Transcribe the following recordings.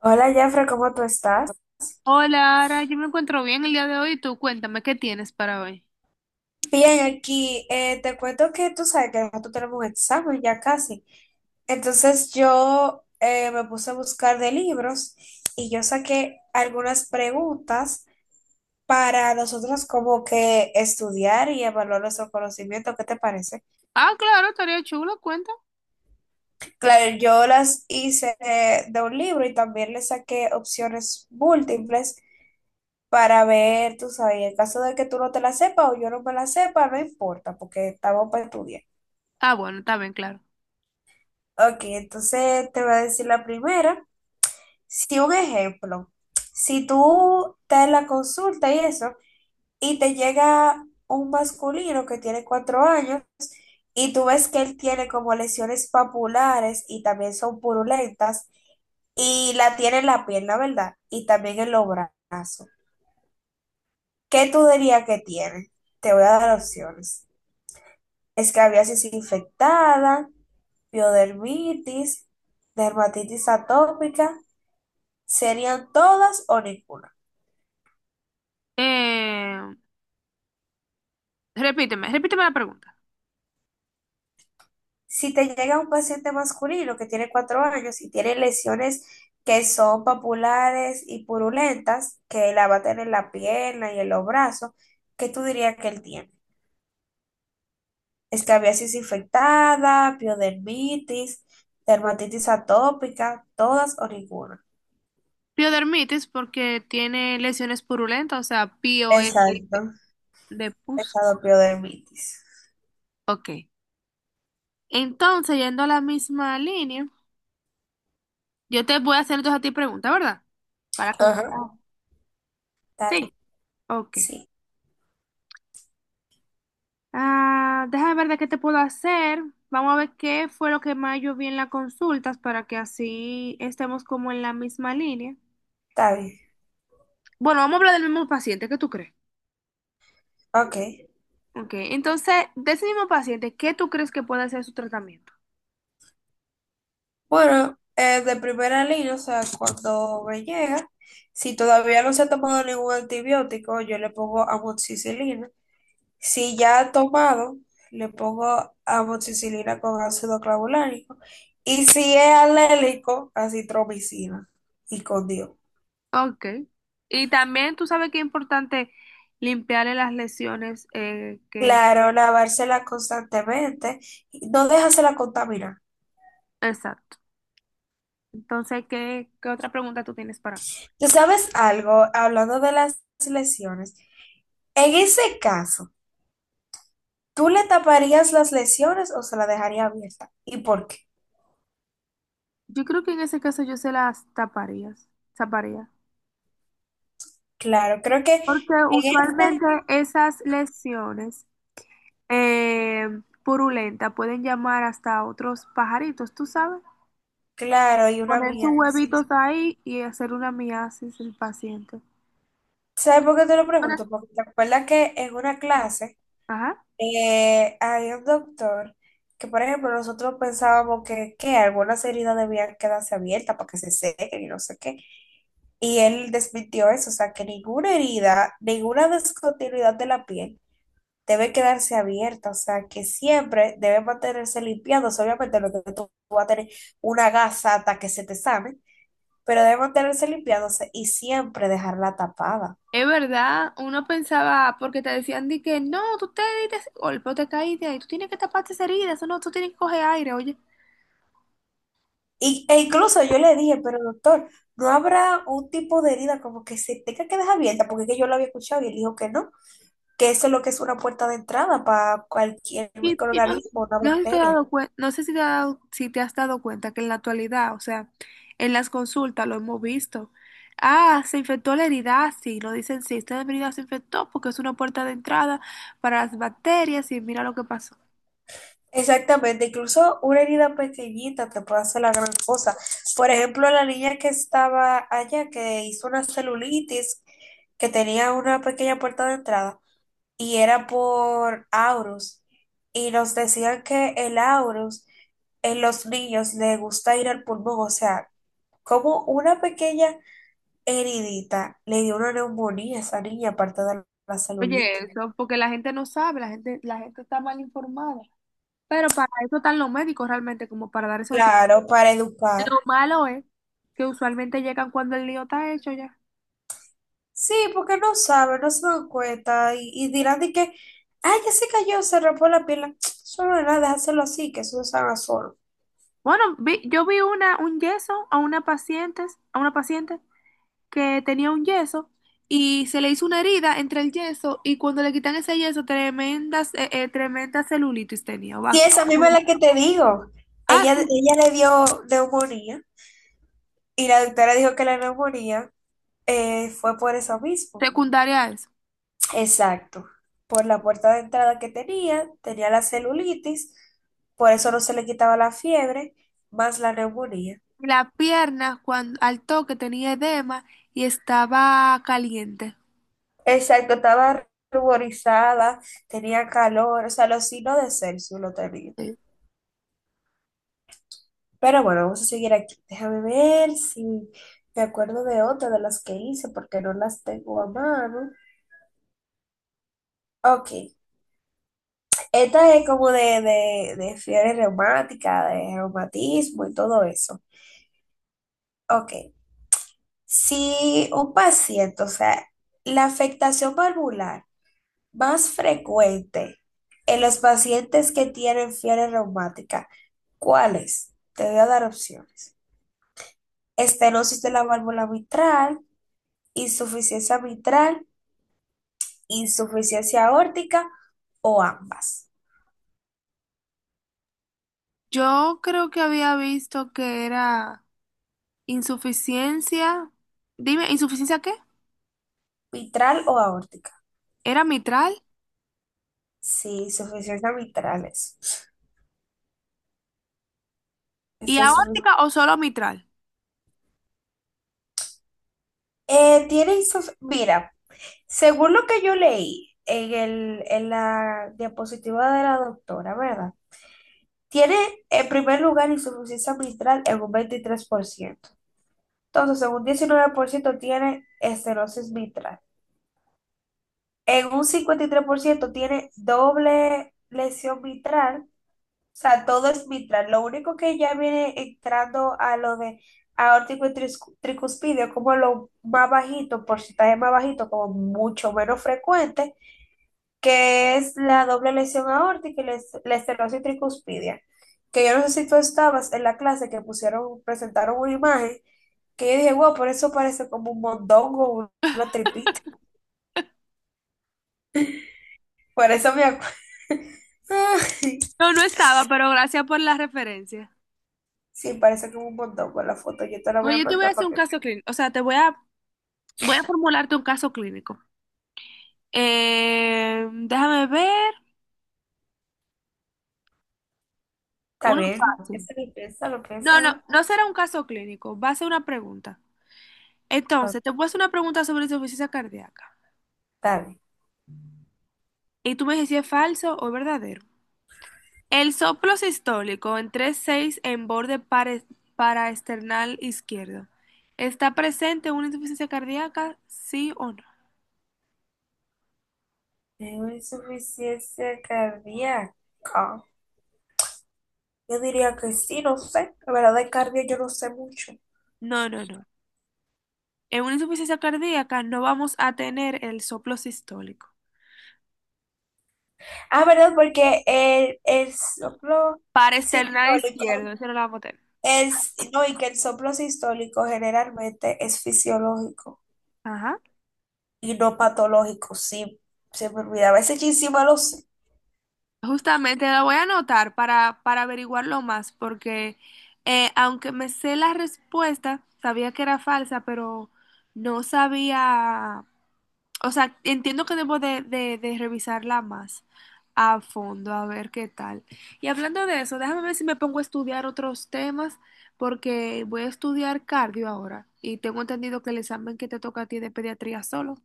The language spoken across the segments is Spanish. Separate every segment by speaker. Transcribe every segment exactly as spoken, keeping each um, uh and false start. Speaker 1: Hola, Jeffrey, ¿cómo tú estás?
Speaker 2: Hola, Ara, yo me encuentro bien el día de hoy. Tú cuéntame, ¿qué tienes para hoy?
Speaker 1: Bien, aquí eh, te cuento que tú sabes que nosotros tenemos un examen ya casi. Entonces yo eh, me puse a buscar de libros y yo saqué algunas preguntas para nosotros como que estudiar y evaluar nuestro conocimiento. ¿Qué te parece?
Speaker 2: Ah, claro, estaría chulo, cuenta.
Speaker 1: Claro, yo las hice eh, de un libro y también le saqué opciones múltiples para ver, tú sabes, en caso de que tú no te la sepas o yo no me la sepa, no importa porque estamos para estudiar.
Speaker 2: Ah, bueno, está bien, claro.
Speaker 1: Ok, entonces te voy a decir la primera. Si un ejemplo, si tú te la consulta y eso, y te llega un masculino que tiene cuatro años y tú ves que él tiene como lesiones papulares y también son purulentas y la tiene en la pierna, ¿verdad? Y también en los brazos. ¿Qué tú dirías que tiene? Te voy a dar opciones. Escabiasis infectada, piodermitis, dermatitis atópica serían todas o ninguna.
Speaker 2: Eh, repíteme, repíteme la pregunta.
Speaker 1: Si te llega un paciente masculino que tiene cuatro años y tiene lesiones que son papulares y purulentas, que la va a tener en la pierna y en los brazos, ¿qué tú dirías que él tiene? Escabiasis infectada, piodermitis, dermatitis atópica, todas o ninguna.
Speaker 2: Piodermitis porque tiene lesiones purulentas, o sea, P O E
Speaker 1: Exacto,
Speaker 2: de pus.
Speaker 1: esa piodermitis.
Speaker 2: Ok. Entonces, yendo a la misma línea, yo te voy a hacer entonces a ti pregunta, ¿verdad? Para que...
Speaker 1: Ajá,
Speaker 2: Ah,
Speaker 1: está
Speaker 2: sí.
Speaker 1: bien,
Speaker 2: Ok.
Speaker 1: sí,
Speaker 2: Ah, déjame ver de qué te puedo hacer. Vamos a ver qué fue lo que más yo vi en las consultas para que así estemos como en la misma línea.
Speaker 1: está bien,
Speaker 2: Bueno, vamos a hablar del mismo paciente, ¿qué tú crees?
Speaker 1: ok.
Speaker 2: Ok, entonces, de ese mismo paciente, ¿qué tú crees que puede ser su tratamiento?
Speaker 1: Bueno, eh, de primera línea, o sea, cuando me llega, si todavía no se ha tomado ningún antibiótico, yo le pongo amoxicilina. Si ya ha tomado, le pongo amoxicilina con ácido clavulánico. Y si es alérgico, acitromicina y con Dios.
Speaker 2: Ok. Y también tú sabes que es importante limpiarle las lesiones eh, que...
Speaker 1: Claro, lavársela constantemente, y no dejársela contaminar.
Speaker 2: Exacto. Entonces, ¿qué, qué otra pregunta tú tienes para mí?
Speaker 1: ¿Tú sabes algo? Hablando de las lesiones, en ese caso, ¿tú le taparías las lesiones o se la dejaría abierta? ¿Y por qué?
Speaker 2: Yo creo que en ese caso yo se las taparías, taparía.
Speaker 1: Claro, creo que en
Speaker 2: Porque
Speaker 1: este,
Speaker 2: usualmente esas lesiones eh, purulentas pueden llamar hasta a otros pajaritos, tú sabes,
Speaker 1: claro, y una
Speaker 2: poner sus
Speaker 1: mía, sí.
Speaker 2: huevitos ahí y hacer una miasis el paciente.
Speaker 1: ¿Sabes por qué te lo
Speaker 2: Entonces,
Speaker 1: pregunto? Porque te acuerdas que en una clase
Speaker 2: ajá.
Speaker 1: eh, había un doctor que, por ejemplo, nosotros pensábamos que, que algunas heridas debían quedarse abiertas para que se sequen y no sé qué. Y él desmintió eso, o sea, que ninguna herida, ninguna descontinuidad de la piel debe quedarse abierta, o sea, que siempre debe mantenerse limpiándose, obviamente lo que tú vas a tener una gasa hasta que se te sane, pero debe mantenerse limpiándose y siempre dejarla tapada.
Speaker 2: Es verdad, uno pensaba, porque te decían de que no, tú te diste ese golpe o te caíste ahí, tú tienes que taparte esa herida, eso no, tú tienes que coger aire, oye.
Speaker 1: Y, e incluso yo le dije, pero doctor, ¿no habrá un tipo de herida como que se tenga que dejar abierta? Porque es que yo lo había escuchado y él dijo que no, que eso es lo que es una puerta de entrada para cualquier
Speaker 2: Y, y no,
Speaker 1: microorganismo, una
Speaker 2: no sé si te has
Speaker 1: bacteria.
Speaker 2: dado cuen- no sé si te has dado, si te has dado cuenta que en la actualidad, o sea, en las consultas lo hemos visto. Ah, se infectó la herida, ah, sí, lo dicen, sí, esta herida se infectó porque es una puerta de entrada para las bacterias y mira lo que pasó.
Speaker 1: Exactamente, incluso una herida pequeñita te puede hacer la gran cosa. Por ejemplo, la niña que estaba allá, que hizo una celulitis, que tenía una pequeña puerta de entrada, y era por aurus, y nos decían que el aurus en los niños le gusta ir al pulmón, o sea, como una pequeña heridita le dio una neumonía a esa niña, aparte de la
Speaker 2: Oye,
Speaker 1: celulitis.
Speaker 2: eso, porque la gente no sabe, la gente, la gente está mal informada. Pero para eso están los médicos realmente, como para dar esos tips.
Speaker 1: Claro, para educar.
Speaker 2: Lo malo es que usualmente llegan cuando el lío está hecho ya.
Speaker 1: Sí, porque no saben, no se dan cuenta y, y dirán de que, ay, ya se cayó, se rompió la pierna. Solo nada, déjaselo así, que eso se haga solo.
Speaker 2: Bueno, vi- yo vi una, un yeso a una paciente, a una paciente que tenía un yeso y se le hizo una herida entre el yeso y cuando le quitan ese yeso, tremendas, eh, eh, tremenda celulitis tenía.
Speaker 1: Sí,
Speaker 2: va-
Speaker 1: esa misma es la que te digo.
Speaker 2: Ah,
Speaker 1: Ella,
Speaker 2: sí,
Speaker 1: ella le dio neumonía y la doctora dijo que la neumonía eh, fue por eso mismo.
Speaker 2: secundaria a eso.
Speaker 1: Exacto. Por la puerta de entrada que tenía, tenía la celulitis, por eso no se le quitaba la fiebre, más la neumonía.
Speaker 2: Y la pierna, cuando, al toque, tenía edema y estaba caliente.
Speaker 1: Exacto, estaba ruborizada, tenía calor, o sea, los signos de Celsius lo tenía.
Speaker 2: Sí.
Speaker 1: Pero bueno, vamos a seguir aquí. Déjame ver si me acuerdo de otra de las que hice, porque no las tengo a mano. Ok, esta es como de, de, de fiebre reumática, de reumatismo y todo eso. Ok, si un paciente, o sea, la afectación valvular, más frecuente en los pacientes que tienen fiebre reumática. ¿Cuáles? Te voy a dar opciones. Estenosis de la válvula mitral, insuficiencia mitral, insuficiencia aórtica o ambas.
Speaker 2: Yo creo que había visto que era insuficiencia. Dime, ¿insuficiencia qué?
Speaker 1: Mitral o aórtica.
Speaker 2: ¿Era mitral?
Speaker 1: Sí, insuficiencia mitral es.
Speaker 2: ¿Y
Speaker 1: Esta insufic-
Speaker 2: aórtica o solo mitral?
Speaker 1: Eh, tiene insuf- Mira, según lo que yo leí en el, en la diapositiva de la doctora, ¿verdad? Tiene en primer lugar insuficiencia mitral en un veintitrés por ciento. Entonces, en un diecinueve por ciento tiene estenosis mitral. En un cincuenta y tres por ciento tiene doble lesión mitral. O sea, todo es mitral. Lo único que ya viene entrando a lo de aórtico y tris- tricuspidio, como lo más bajito, porcentaje más bajito, como mucho menos frecuente, que es la doble lesión aórtica y la es- la estenosis tricuspidia. Que yo no sé si tú estabas en la clase que pusieron, presentaron una imagen, que yo dije, wow, por eso parece como un mondongo, una tripita. Por eso me acuerdo.
Speaker 2: No, no estaba, pero gracias por la referencia.
Speaker 1: Sí, parece como un mondongo la foto. Yo te la voy a
Speaker 2: Oye, yo te voy a
Speaker 1: mandar
Speaker 2: hacer
Speaker 1: para
Speaker 2: un
Speaker 1: que...
Speaker 2: caso clínico. O sea, te voy a voy a formularte un caso clínico. Eh, déjame ver.
Speaker 1: Está
Speaker 2: Uno
Speaker 1: bien,
Speaker 2: fácil.
Speaker 1: piénsalo, piénsalo,
Speaker 2: No, no,
Speaker 1: piénsalo.
Speaker 2: no será un caso clínico, va a ser una pregunta.
Speaker 1: Ah,
Speaker 2: Entonces, te voy a hacer una pregunta sobre insuficiencia cardíaca.
Speaker 1: está bien.
Speaker 2: Y tú me dices si es falso o verdadero. El soplo sistólico en tres seis en borde pare- paraesternal izquierdo. ¿Está presente en una insuficiencia cardíaca? ¿Sí o no?
Speaker 1: Tengo insuficiencia cardíaca. Yo diría que sí, no sé. La verdad, de cardio yo no sé mucho.
Speaker 2: No, no, no. En una insuficiencia cardíaca no vamos a tener el soplo sistólico.
Speaker 1: Ah, ¿verdad? Porque el, el soplo
Speaker 2: Paraesternal
Speaker 1: sistólico
Speaker 2: izquierdo, eso no lo vamos a tener.
Speaker 1: es, no, y que el soplo sistólico generalmente es fisiológico
Speaker 2: Ajá.
Speaker 1: y no patológico. Sí, se me olvidaba. Ese chisme lo sé.
Speaker 2: Justamente la voy a anotar para, para averiguarlo más, porque eh, aunque me sé la respuesta, sabía que era falsa, pero no sabía, o sea, entiendo que debo de, de, de revisarla más a fondo, a ver qué tal. Y hablando de eso, déjame ver si me pongo a estudiar otros temas, porque voy a estudiar cardio ahora, y tengo entendido que el examen que te toca a ti es de pediatría solo.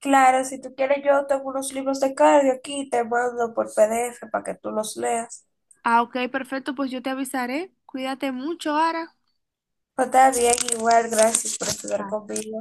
Speaker 1: Claro, si tú quieres, yo tengo unos libros de cardio aquí, te mando por P D F para que tú los leas.
Speaker 2: Ah, ok, perfecto, pues yo te avisaré. Cuídate mucho, Ara.
Speaker 1: Pues está bien, igual, gracias por estudiar conmigo.